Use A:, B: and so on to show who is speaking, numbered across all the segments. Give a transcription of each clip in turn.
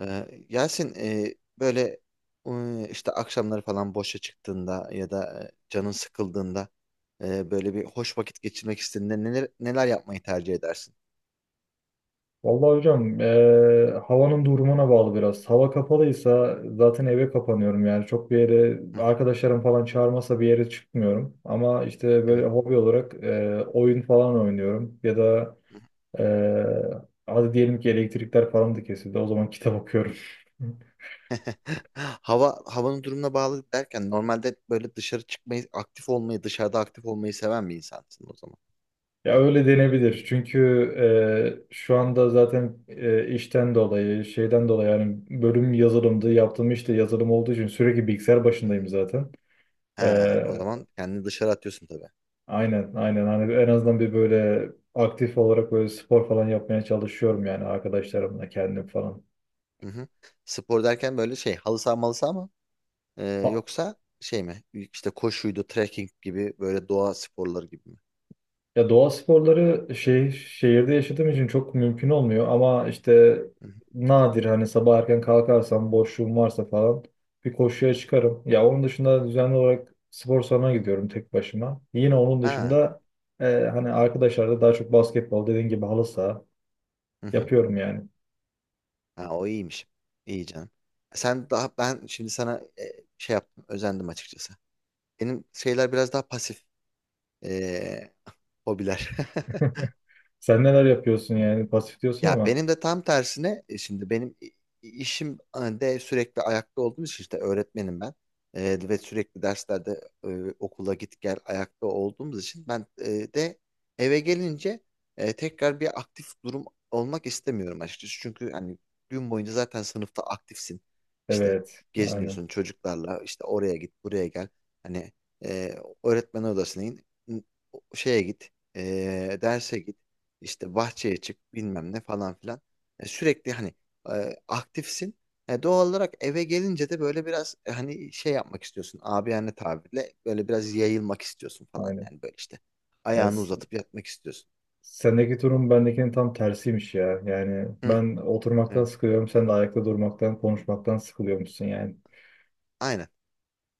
A: Yasin, böyle işte akşamları falan boşa çıktığında ya da canın sıkıldığında böyle bir hoş vakit geçirmek istediğinde neler neler yapmayı tercih edersin?
B: Vallahi hocam havanın durumuna bağlı biraz. Hava kapalıysa zaten eve kapanıyorum yani. Çok bir yere
A: Hı hı.
B: arkadaşlarım falan çağırmasa bir yere çıkmıyorum. Ama işte böyle
A: Evet.
B: hobi olarak oyun falan oynuyorum. Ya da eee hadi diyelim ki elektrikler falan da kesildi. O zaman kitap okuyorum.
A: Havanın durumuna bağlı derken normalde böyle dışarı çıkmayı, aktif olmayı, dışarıda aktif olmayı seven bir insansın o zaman
B: Ya
A: mı?
B: öyle denebilir. Çünkü şu anda zaten işten dolayı, şeyden dolayı yani bölüm yazılımdı. Yaptığım iş de yazılım olduğu için sürekli bilgisayar başındayım zaten. E,
A: He, o zaman kendini dışarı atıyorsun tabii.
B: Aynen, aynen. Hani en azından bir böyle aktif olarak böyle spor falan yapmaya çalışıyorum yani arkadaşlarımla kendim falan.
A: Hı hı. Spor derken böyle şey, halı saha malı saha mı? Ee,
B: Ha-
A: yoksa şey mi? İşte koşuydu, trekking gibi böyle doğa sporları gibi mi?
B: Ya doğa sporları şey şehirde yaşadığım için çok mümkün olmuyor ama işte
A: Hı hı.
B: nadir hani sabah erken kalkarsam boşluğum varsa falan bir koşuya çıkarım. Ya onun dışında düzenli olarak spor salonuna gidiyorum tek başıma. Yine onun
A: Ha,
B: dışında e, hani arkadaşlarla daha çok basketbol dediğin gibi halı saha
A: hı hı.
B: yapıyorum yani.
A: Ha, o iyiymiş. İyi canım. Sen daha, ben şimdi sana şey yaptım, özendim açıkçası. Benim şeyler biraz daha pasif e, hobiler.
B: Sen neler yapıyorsun yani pasif diyorsun
A: Ya
B: ama.
A: benim de tam tersine, şimdi işim de sürekli ayakta olduğum için, işte öğretmenim ben. E, ve sürekli derslerde, okula git gel ayakta olduğumuz için ben e, de eve gelince tekrar bir aktif durum olmak istemiyorum açıkçası. Çünkü hani gün boyunca zaten sınıfta aktifsin. İşte
B: Evet, aynen,
A: geziniyorsun çocuklarla, işte oraya git buraya gel. Hani, e, öğretmen odasına in, şeye git, derse git, işte bahçeye çık, bilmem ne falan filan. E, sürekli hani aktifsin. E, doğal olarak eve gelince de böyle biraz, e, hani şey yapmak istiyorsun. Abiyane tabirle böyle biraz yayılmak istiyorsun falan,
B: aynen.
A: yani böyle işte.
B: Yani
A: Ayağını
B: s-
A: uzatıp yatmak istiyorsun.
B: Sendeki durum bendekinin tam tersiymiş ya. Yani
A: Hı,
B: ben oturmaktan
A: evet.
B: sıkılıyorum, sen de ayakta durmaktan, konuşmaktan sıkılıyormuşsun yani.
A: Aynen.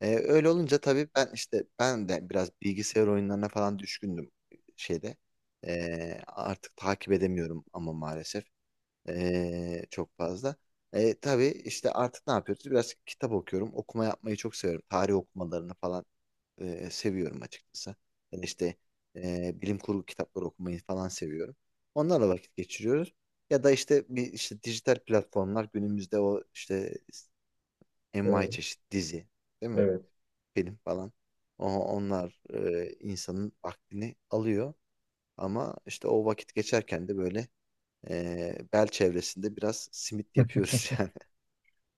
A: E, öyle olunca tabii ben işte, ben de biraz bilgisayar oyunlarına falan düşkündüm şeyde. E, artık takip edemiyorum ama maalesef. Çok fazla. Tabii işte artık ne yapıyoruz? Biraz kitap okuyorum. Okuma yapmayı çok seviyorum. Tarih okumalarını falan seviyorum açıkçası. Yani işte bilim kurgu kitapları okumayı falan seviyorum. Onlarla vakit geçiriyoruz. Ya da işte bir, işte dijital platformlar günümüzde, o işte envai
B: Ee,
A: çeşit dizi, değil mi?
B: evet.
A: Film falan. Onlar insanın vaktini alıyor. Ama işte o vakit geçerken de böyle, bel çevresinde biraz simit yapıyoruz yani.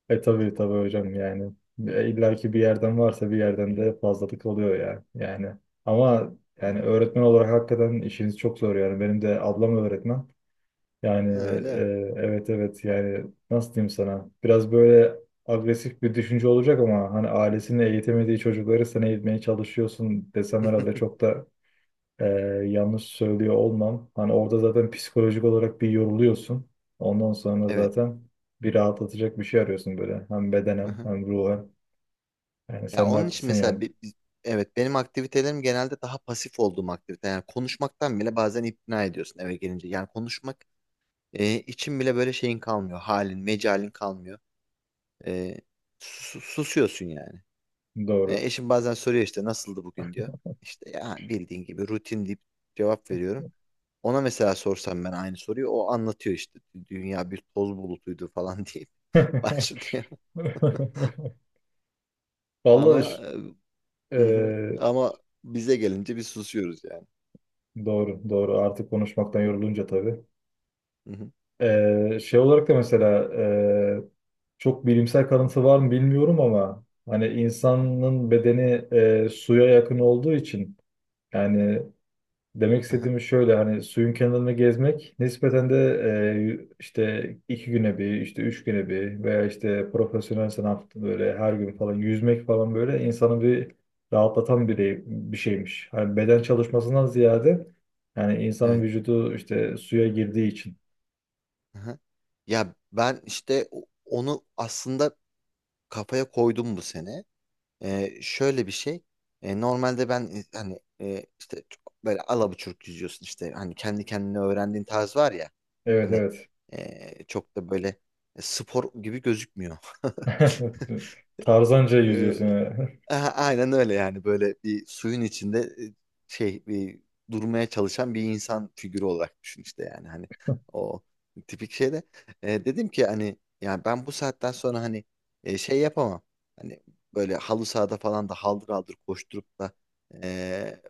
B: E tabii tabii hocam yani. E, İlla ki bir yerden varsa bir yerden de fazlalık oluyor ya. Ama yani
A: Hmm.
B: öğretmen olarak hakikaten işiniz çok zor yani. Benim de ablam öğretmen. Yani
A: Ha, öyle.
B: evet evet yani nasıl diyeyim sana biraz böyle agresif bir düşünce olacak ama hani ailesini eğitemediği çocukları sen eğitmeye çalışıyorsun desem herhalde çok da e, yanlış söylüyor olmam. Hani orada zaten psikolojik olarak bir yoruluyorsun. Ondan sonra
A: Evet.
B: zaten bir rahatlatacak bir şey arıyorsun böyle hem bedenen
A: Aha.
B: hem ruhen. Yani
A: Ya
B: sen de
A: onun için
B: haklısın
A: mesela,
B: yani
A: evet, benim aktivitelerim genelde daha pasif olduğum aktivite. Yani konuşmaktan bile bazen ikna ediyorsun eve gelince. Yani konuşmak için bile böyle şeyin kalmıyor. Halin, mecalin kalmıyor. E, susuyorsun yani. E,
B: doğru.
A: eşim bazen soruyor, işte nasıldı bugün diyor. İşte ya bildiğin gibi rutin deyip cevap veriyorum. Ona mesela sorsam ben aynı soruyu, o anlatıyor işte, dünya bir toz bulutuydu falan diye başlıyor.
B: Vallahi
A: Ama
B: ş- e,
A: hı hı. Ama bize gelince bir susuyoruz yani.
B: doğru doğru artık konuşmaktan yorulunca tabii.
A: Hı hı.
B: Şey olarak da mesela çok bilimsel kanıtı var mı bilmiyorum ama hani insanın bedeni suya yakın olduğu için yani demek
A: Aha.
B: istediğim şöyle hani suyun kenarında gezmek nispeten de işte iki güne bir işte üç güne bir veya işte profesyonel sanat böyle her gün falan yüzmek falan böyle insanı bir rahatlatan bir şeymiş. Hani beden çalışmasından ziyade yani insanın
A: Evet.
B: vücudu işte suya girdiği için.
A: Aha. Ya ben işte onu aslında kafaya koydum bu sene. E, şöyle bir şey. E, normalde ben, e, hani, e, işte çok böyle alabuçuk yüzüyorsun, işte hani kendi kendine öğrendiğin tarz var ya,
B: Evet
A: hani
B: evet.
A: çok da böyle spor gibi gözükmüyor.
B: Tarzanca
A: Ee,
B: yüzüyorsun yani.
A: aynen öyle yani, böyle bir suyun içinde şey, bir durmaya çalışan bir insan figürü olarak düşün işte, yani hani o tipik şeyde dedim ki, hani yani ben bu saatten sonra hani şey yapamam, hani böyle halı sahada falan da haldır haldır koşturup da e,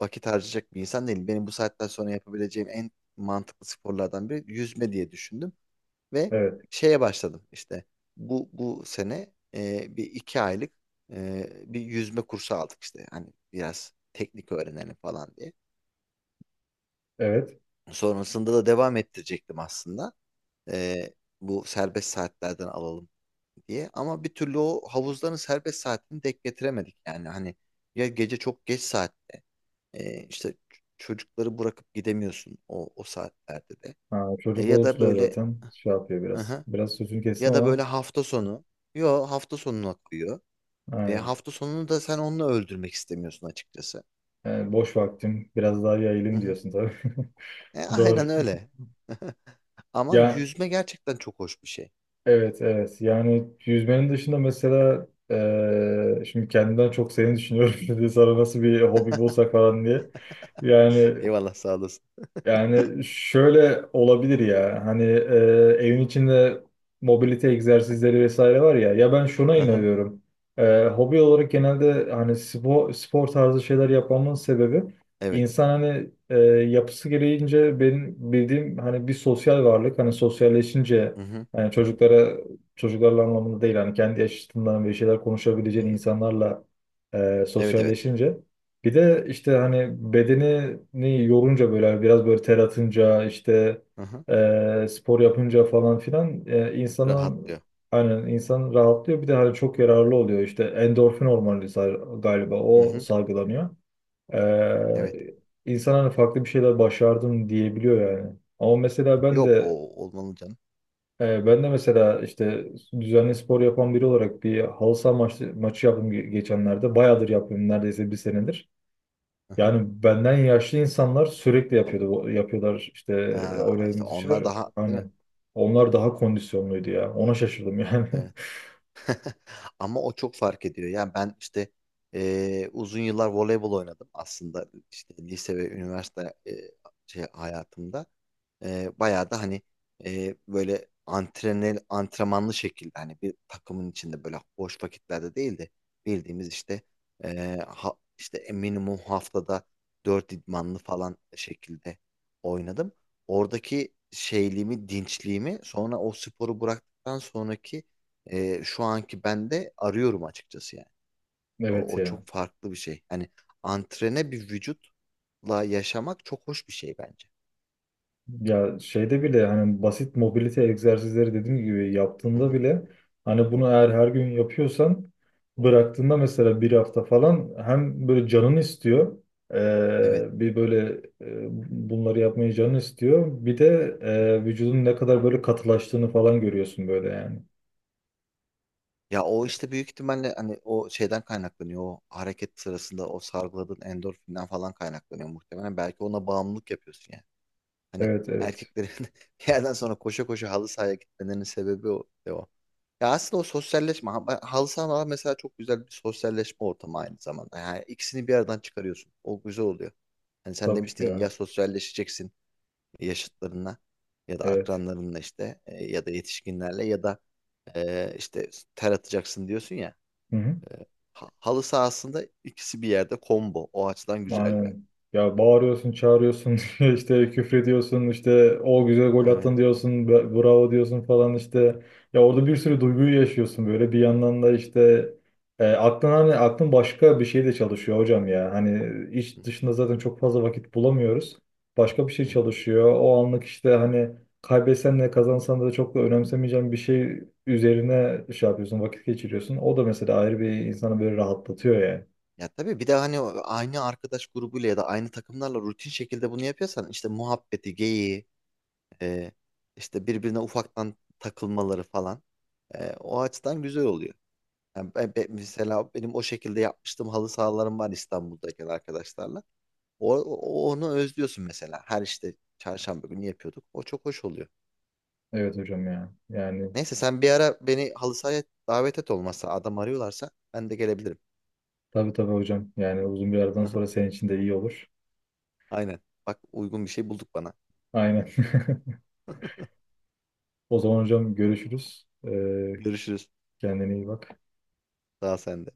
A: vakit harcayacak bir insan değilim. Benim bu saatten sonra yapabileceğim en mantıklı sporlardan biri yüzme diye düşündüm. Ve
B: Evet.
A: şeye başladım işte, bu sene bir iki aylık e, bir yüzme kursu aldık işte, hani biraz teknik öğrenelim falan diye.
B: Evet.
A: Sonrasında da devam ettirecektim aslında. E, bu serbest saatlerden alalım diye, ama bir türlü o havuzların serbest saatini denk getiremedik, yani hani ya gece çok geç saat, işte çocukları bırakıp gidemiyorsun o o saatlerde de.
B: Ha,
A: E,
B: çocuk
A: ya da
B: olunca
A: böyle,
B: zaten şey yapıyor
A: hı
B: biraz.
A: hı.
B: Biraz sözünü kestim
A: Ya da
B: ama
A: böyle hafta sonu. Yo, hafta sonuna koyuyor. E,
B: ha,
A: hafta sonunu da sen onunla öldürmek istemiyorsun açıkçası.
B: yani boş vaktim biraz daha
A: Hı
B: yayılayım
A: hı.
B: diyorsun tabii.
A: E, aynen
B: Doğru.
A: öyle. Ama
B: Ya
A: yüzme gerçekten çok hoş bir şey.
B: evet evet. Yani yüzmenin dışında mesela şimdi kendimden çok seni düşünüyorum. Şimdi sana nasıl bir hobi bulsak falan diye. Yani
A: Eyvallah, sağ olasın.
B: Yani şöyle olabilir ya hani evin içinde mobilite egzersizleri vesaire var ya ya ben şuna
A: Aha,
B: inanıyorum. E, hobi olarak genelde hani spor tarzı şeyler yapmamın sebebi
A: evet.
B: insan hani yapısı gereğince benim bildiğim hani bir sosyal varlık hani sosyalleşince
A: Hı hı,
B: hani çocuklarla anlamında değil hani kendi yaşıtından bir şeyler
A: hı
B: konuşabileceğin
A: hı.
B: insanlarla
A: Evet evet.
B: sosyalleşince bir de işte hani bedenini yorunca böyle biraz böyle ter atınca işte
A: Hı hı.
B: spor yapınca falan filan e, insanın
A: Rahatlıyor.
B: aynen insan rahatlıyor. Bir de hani çok yararlı oluyor işte endorfin hormonu galiba
A: Hı
B: o
A: hı.
B: salgılanıyor.
A: Evet.
B: E, insan hani farklı bir şeyler başardım diyebiliyor yani. Ama mesela ben
A: Yok,
B: de
A: o olmalı canım.
B: e, Ben de mesela işte düzenli spor yapan biri olarak bir halı saha maçı yaptım geçenlerde. Bayağıdır yapıyorum neredeyse bir senedir.
A: Hı hı.
B: Yani benden yaşlı insanlar sürekli yapıyordu, yapıyorlar işte
A: Ha, işte
B: Aurelien
A: onlar
B: dışarı.
A: daha, değil mi?
B: Aynen. Onlar daha kondisyonluydu ya. Ona şaşırdım yani.
A: Evet. Ama o çok fark ediyor. Yani ben işte uzun yıllar voleybol oynadım aslında, işte lise ve üniversite şey hayatımda. E, bayağı da hani böyle antrenmanlı şekilde, hani bir takımın içinde, böyle boş vakitlerde değil de bildiğimiz işte işte minimum haftada 4 idmanlı falan şekilde oynadım. Oradaki şeyliğimi, dinçliğimi sonra o sporu bıraktıktan sonraki şu anki bende arıyorum açıkçası yani. O,
B: Evet
A: o
B: ya.
A: çok farklı bir şey. Hani antrene bir vücutla yaşamak çok hoş bir şey bence.
B: Ya şeyde bile hani basit mobilite egzersizleri dediğim gibi
A: Hı
B: yaptığında
A: hı.
B: bile hani bunu eğer her gün yapıyorsan bıraktığında mesela bir hafta falan hem böyle canın istiyor
A: Evet.
B: bir böyle bunları yapmayı canın istiyor bir de
A: Hı hı.
B: vücudun ne kadar böyle katılaştığını falan görüyorsun böyle yani.
A: Ya o işte büyük ihtimalle hani o şeyden kaynaklanıyor. O hareket sırasında o salgıladığın endorfinden falan kaynaklanıyor muhtemelen. Belki ona bağımlılık yapıyorsun yani. Hani
B: Evet evet.
A: erkeklerin bir yerden sonra koşa koşa halı sahaya gitmelerinin sebebi o. De o. Ya aslında o sosyalleşme. Halı sahalar mesela çok güzel bir sosyalleşme ortamı aynı zamanda. Yani ikisini bir yerden çıkarıyorsun. O güzel oluyor. Hani sen
B: Tabii ki
A: demiştin ya, ya
B: ya.
A: sosyalleşeceksin yaşıtlarınla ya da
B: Evet.
A: akranlarınla, işte ya da yetişkinlerle ya da işte ter atacaksın diyorsun ya.
B: Hı hı.
A: E, halı sahasında ikisi bir yerde combo. O açıdan güzel yani.
B: Aynen. Ya bağırıyorsun, çağırıyorsun, işte küfrediyorsun, işte o güzel gol
A: Evet.
B: attın diyorsun, bravo diyorsun falan işte. Ya orada bir sürü duyguyu yaşıyorsun böyle. Bir yandan da işte aklın başka bir şey de çalışıyor hocam ya. Hani
A: Hı
B: iş
A: hı,
B: dışında zaten çok fazla vakit bulamıyoruz. Başka bir şey
A: hı hı.
B: çalışıyor. O anlık işte hani kaybetsen de kazansan da çok da önemsemeyeceğin bir şey üzerine şey yapıyorsun, vakit geçiriyorsun. O da mesela ayrı bir insanı böyle rahatlatıyor yani.
A: Ya tabii, bir de hani aynı arkadaş grubuyla ya da aynı takımlarla rutin şekilde bunu yapıyorsan, işte muhabbeti, geyiği, e, işte birbirine ufaktan takılmaları falan. E, o açıdan güzel oluyor. Yani mesela benim o şekilde yapmıştım, halı sahalarım var İstanbul'daki arkadaşlarla. Onu özlüyorsun mesela. Her işte çarşamba günü yapıyorduk. O çok hoş oluyor.
B: Evet hocam ya. Yani
A: Neyse, sen bir ara beni halı sahaya davet et, olmazsa adam arıyorlarsa ben de gelebilirim.
B: Tabii tabii hocam. Yani uzun bir aradan sonra senin için de iyi olur.
A: Aynen. Bak, uygun bir şey bulduk bana.
B: Aynen. O zaman hocam görüşürüz.
A: Görüşürüz.
B: Kendine iyi bak.
A: Daha sende.